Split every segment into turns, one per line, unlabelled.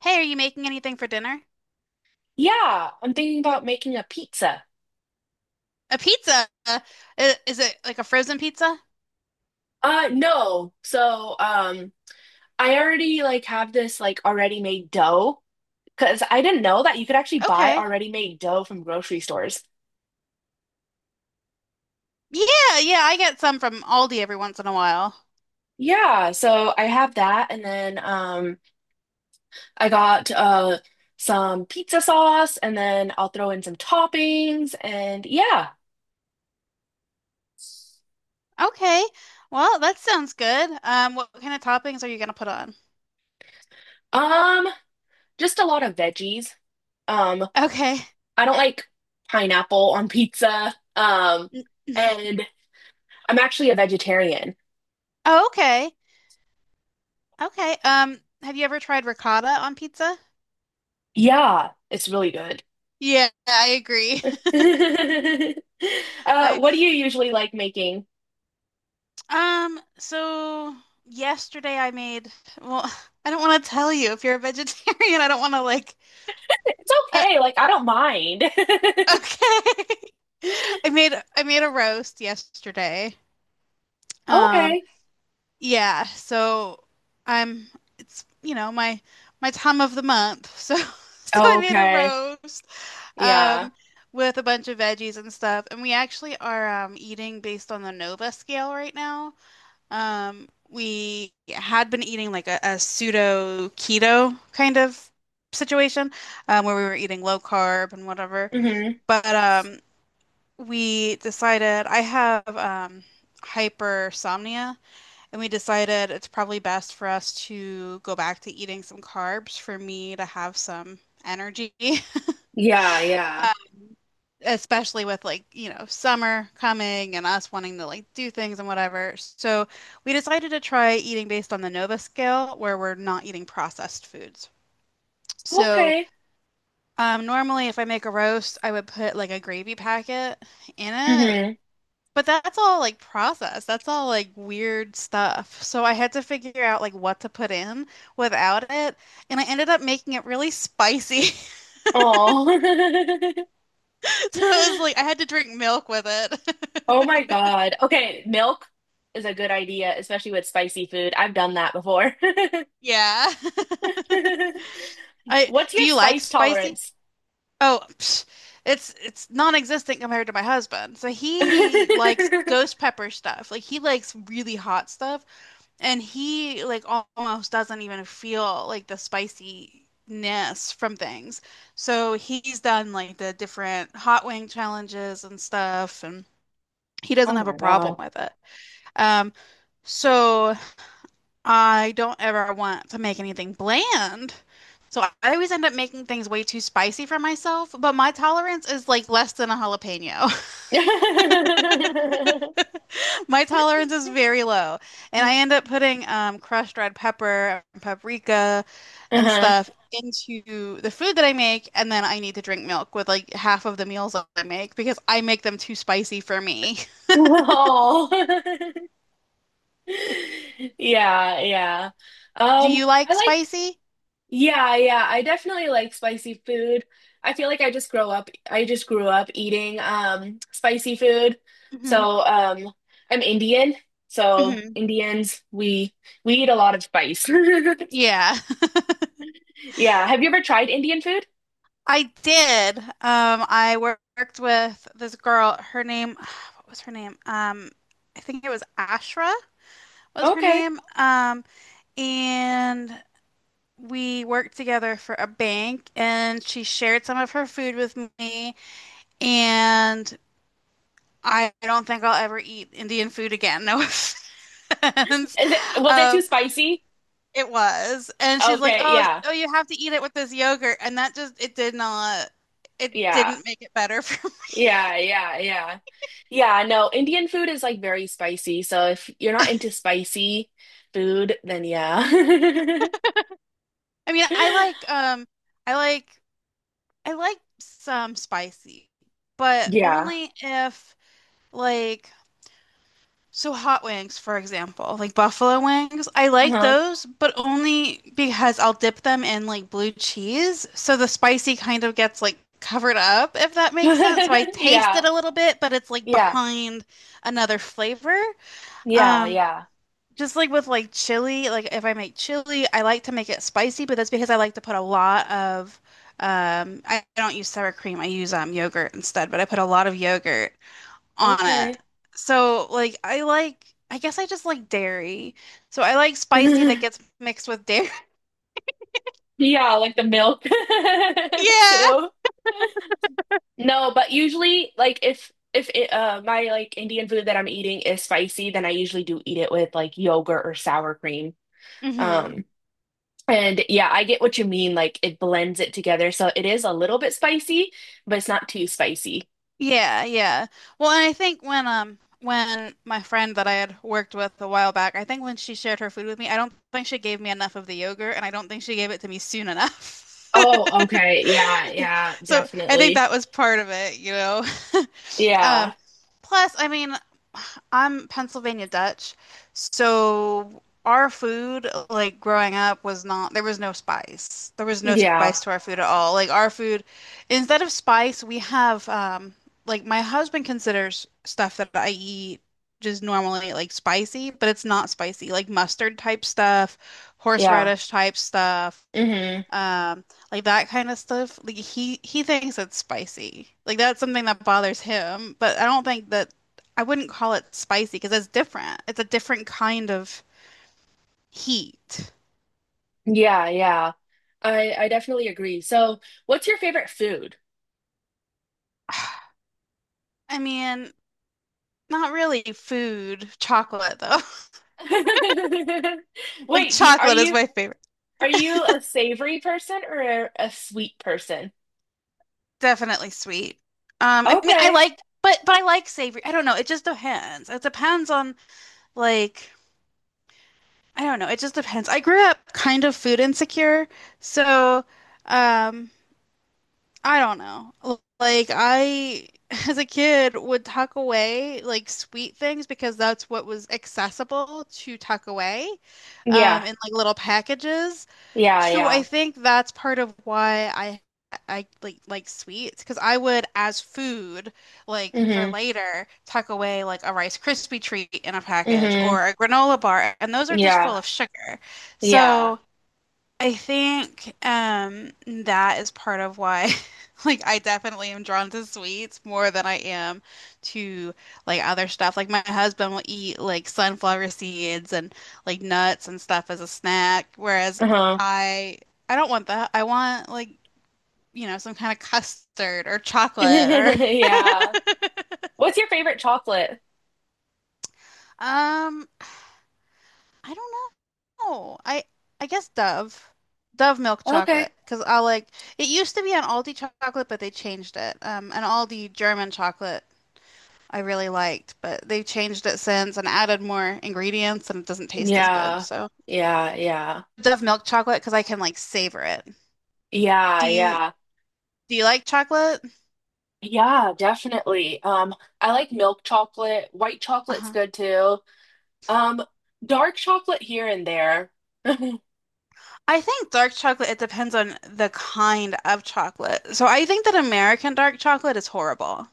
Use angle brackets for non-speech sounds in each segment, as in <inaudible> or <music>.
Hey, are you making anything for dinner?
Yeah, I'm thinking about making a pizza.
A pizza? Is it like a frozen pizza?
No. So I already like have this like already made dough because I didn't know that you could actually buy
Okay.
already made dough from grocery stores.
Yeah, yeah, I get some from Aldi every once in a while.
Yeah, so I have that, and then I got some pizza sauce, and then I'll throw in some toppings and yeah.
Okay. Well, that sounds good. What kind of toppings are you gonna put on?
Um just a lot of veggies. Um
Okay.
I don't like pineapple on pizza.
N- <laughs>
And I'm actually a vegetarian.
Oh, okay. Okay. Have you ever tried ricotta on pizza?
Yeah, it's really good.
Yeah, I agree.
<laughs>
<laughs> I
What do you usually like making?
so yesterday I made, well, <laughs> I don't want to tell you if you're a vegetarian. I don't want to
It's
uh,
okay, like I don't mind. <laughs>
okay. <laughs> I made a roast yesterday. Um,
Okay.
yeah, so I'm it's you know my my time of the month. So <laughs> so I made a
Okay.
roast
Yeah.
um with a bunch of veggies and stuff, and we actually are eating based on the Nova scale right now. We had been eating like a pseudo keto kind of situation, where we were eating low carb and whatever.
hmm
But we decided I have hypersomnia, and we decided it's probably best for us to go back to eating some carbs for me to have some energy,
Yeah, yeah.
<laughs> especially with like, you know, summer coming and us wanting to like do things and whatever. So we decided to try eating based on the Nova scale, where we're not eating processed foods. So,
Okay.
normally if I make a roast, I would put like a gravy packet in it.
hmm
But that's all like process. That's all like weird stuff. So I had to figure out like what to put in without it. And I ended up making it really spicy. <laughs>
Oh.
So it was like I
<laughs>
had to drink milk with
Oh my
it. <laughs>
God. Okay, milk is a good idea, especially with spicy food. I've done that before.
Yeah. <laughs>
<laughs>
I
What's
do
your
you like
spice
spicy?
tolerance?
Oh, psh, it's non-existent compared to my husband. So he likes ghost
<laughs>
pepper stuff. Like he likes really hot stuff. And he like almost doesn't even feel like the spiciness from things. So he's done like the different hot wing challenges and stuff, and he doesn't
Oh
have a
my
problem
God.
with it. Um, so I don't ever want to make anything bland. So I always end up making things way too spicy for myself, but my tolerance is like less than a jalapeno. <laughs>
<laughs>
My tolerance is very low, and I end up putting crushed red pepper and paprika and
Uh-huh.
stuff
<laughs>
into the food that I make, and then I need to drink milk with like half of the meals that I make because I make them too spicy for me.
Oh. <laughs> Yeah, yeah.
<laughs> Do you
I
like
like
spicy?
yeah, yeah. I definitely like spicy food. I feel like I just grew up eating spicy food.
Hmm.
So, I'm Indian. So,
Hmm.
Indians, we eat a lot of spice. <laughs>
Yeah,
Yeah, have you ever tried Indian food?
<laughs> I did. I worked with this girl. Her name, <sighs> what was her name? I think it was Ashra was her
Okay.
name. And we worked together for a bank and she shared some of her food with me and I don't think I'll ever eat Indian food again. No offense.
Is it
<laughs>
was it too
Um,
spicy?
it was. And she's like,
Okay,
"Oh,
yeah.
oh, you have to eat it with this yogurt." And that just it did not, it
Yeah.
didn't make it better <laughs> for me.
Yeah, yeah, yeah. Yeah, no, Indian food is like very spicy. So if you're not into spicy food, then yeah. <laughs>
I mean, I like I I like some spicy, but
Yeah.
only if like. So hot wings, for example, like buffalo wings, I like
Uh-huh.
those, but only because I'll dip them in like blue cheese. So the spicy kind of gets like covered up, if that makes sense. So I
<laughs>
taste it
Yeah.
a little bit, but it's like
Yeah.
behind another flavor.
Yeah,
Um,
yeah.
just like with like chili, like if I make chili, I like to make it spicy, but that's because I like to put a lot of I don't use sour cream. I use yogurt instead, but I put a lot of yogurt on it.
Okay.
So like I I guess I just like dairy. So I like spicy that gets
<laughs>
mixed with dairy. <laughs>
Yeah, like the milk <laughs>
Yeah.
too. No, but usually like if my like Indian food that I'm eating is spicy, then I usually do eat it with like yogurt or sour cream.
Hmm.
Um. And yeah, I get what you mean. Like it blends it together. So it is a little bit spicy, but it's not too spicy.
Yeah, yeah. Well, and I think when my friend that I had worked with a while back, I think when she shared her food with me, I don't think she gave me enough of the yogurt and I don't think she gave it to me soon enough.
Oh, okay.
<laughs>
Yeah, yeah,
So I think
definitely.
that was part of it. <laughs>
Yeah.
Um plus I mean I'm Pennsylvania Dutch, so our food, like growing up, was not, there was no spice. There was no
Yeah.
spice to our food at all. Like our food, instead of spice, we have, like my husband considers stuff that I eat just normally like spicy, but it's not spicy, like mustard type stuff,
Yeah.
horseradish type stuff,
hmm
um, like that kind of stuff. Like he thinks it's spicy. Like that's something that bothers him, but I don't think that. I wouldn't call it spicy because it's different. It's a different kind of heat.
Yeah, yeah. I definitely agree. So, what's your favorite food?
I mean, not really food, chocolate though. <laughs>
<laughs>
Like
Wait, do,
chocolate is my favorite.
are you a savory person or a sweet person?
Definitely sweet. I mean, I
Okay.
like, but I like savory. I don't know. It just depends. It depends on like I don't know. It just depends. I grew up kind of food insecure, so um, I don't know. L- Like I, <laughs> as a kid, would tuck away like sweet things because that's what was accessible to tuck away,
Yeah.
in like little packages.
Yeah,
So I
yeah.
think that's part of why I like sweets because I would as food like for
hmm
later tuck away like a Rice Krispie treat in a package
hmm
or a granola bar, and those are just
Yeah.
full of sugar.
Yeah.
So. I think that is part of why <laughs> like I definitely am drawn to sweets more than I am to like other stuff. Like my husband will eat like sunflower seeds and like nuts and stuff as a snack, whereas
Uh-huh.
I I don't want that. I want like, you know, some kind of custard or
<laughs>
chocolate or
Yeah. What's your favorite chocolate?
<laughs> um I don't know. I guess Dove. Dove milk chocolate
Okay.
cuz I like it used to be an Aldi chocolate but they changed it. Um, an Aldi German chocolate I really liked, but they've changed it since and added more ingredients and it doesn't taste as good.
Yeah.
So
Yeah, yeah.
Dove milk chocolate cuz I can like savor it.
Yeah,
Do you
yeah.
do you like chocolate?
Yeah, definitely. I like milk chocolate. White chocolate's
Uh-huh.
good too. Um, dark chocolate here and there. <laughs>
I think dark chocolate, it depends on the kind of chocolate. So I think that American dark chocolate is horrible.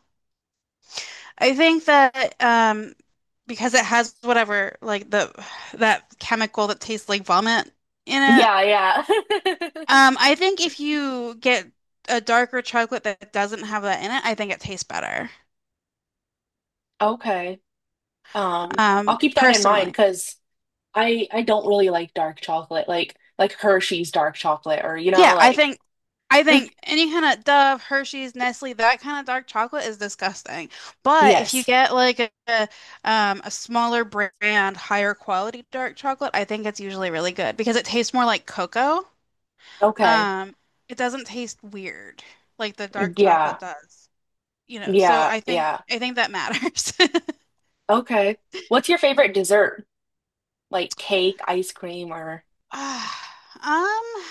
I think that because it has whatever like the that chemical that tastes like vomit in it.
Yeah, yeah. <laughs>
I think if you get a darker chocolate that doesn't have that in it, I think it tastes better.
Okay. I'll keep that in mind
Personally.
because I don't really like dark chocolate, like Hershey's dark chocolate, or you know,
Yeah,
like
I think any kind of Dove, Hershey's, Nestle, that kind of dark chocolate is disgusting. But if you
yes.
get like a smaller brand, higher quality dark chocolate, I think it's usually really good because it tastes more like cocoa.
Okay.
Um, it doesn't taste weird like the dark
Yeah.
chocolate does, you know. So
Yeah. Yeah.
I think that matters. <laughs>
Okay. What's your favorite dessert? Like cake, ice cream, or
Ah,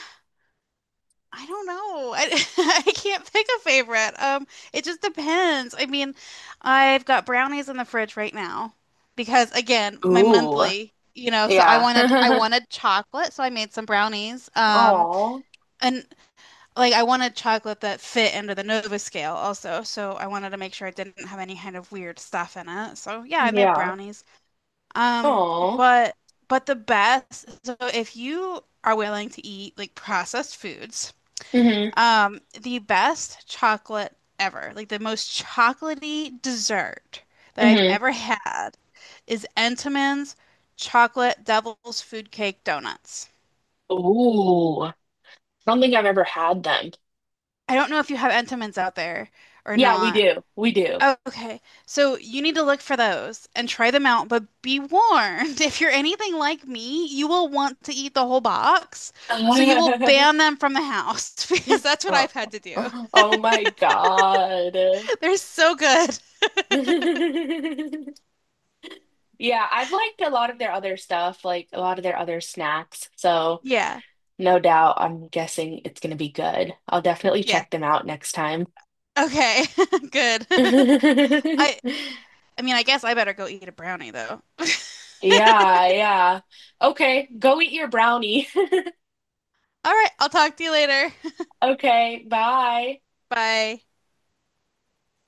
I don't know. I, <laughs> I can't pick a favorite. It just depends. I mean, I've got brownies in the fridge right now because again, my
ooh.
monthly, you know, so
Yeah.
I
<laughs>
wanted chocolate, so I made some brownies.
Oh.
And like I wanted chocolate that fit into the Nova scale also, so I wanted to make sure it didn't have any kind of weird stuff in it. So yeah, I made
Yeah.
brownies. Um,
Oh.
but the best, so if you are willing to eat like processed foods,
Mm-hmm.
the best chocolate ever, like the most chocolatey dessert that I've
Mm-hmm.
ever had is Entenmann's chocolate devil's food cake donuts.
Ooh. I don't think I've ever had them.
I don't know if you have Entenmann's out there or
Yeah, we
not.
do. We do.
Okay, so you need to look for those and try them out, but be warned, <laughs> if you're anything like me, you will want to eat the whole box. So you will
<laughs>
ban them from the house <laughs> because that's what
Oh.
I've had to do.
Oh my God.
<laughs> They're so good.
<laughs> Yeah, I've liked a lot of their other stuff, like a lot of their other snacks. So
Yeah.
no doubt. I'm guessing it's going to be good. I'll definitely
Yeah.
check them out next time.
Okay. <laughs> Good. <laughs> I
<laughs>
I mean, I guess I better go eat a brownie though.
Yeah, yeah. Okay, go eat your brownie. <laughs>
All right, I'll talk to you later.
Okay, bye.
<laughs> Bye.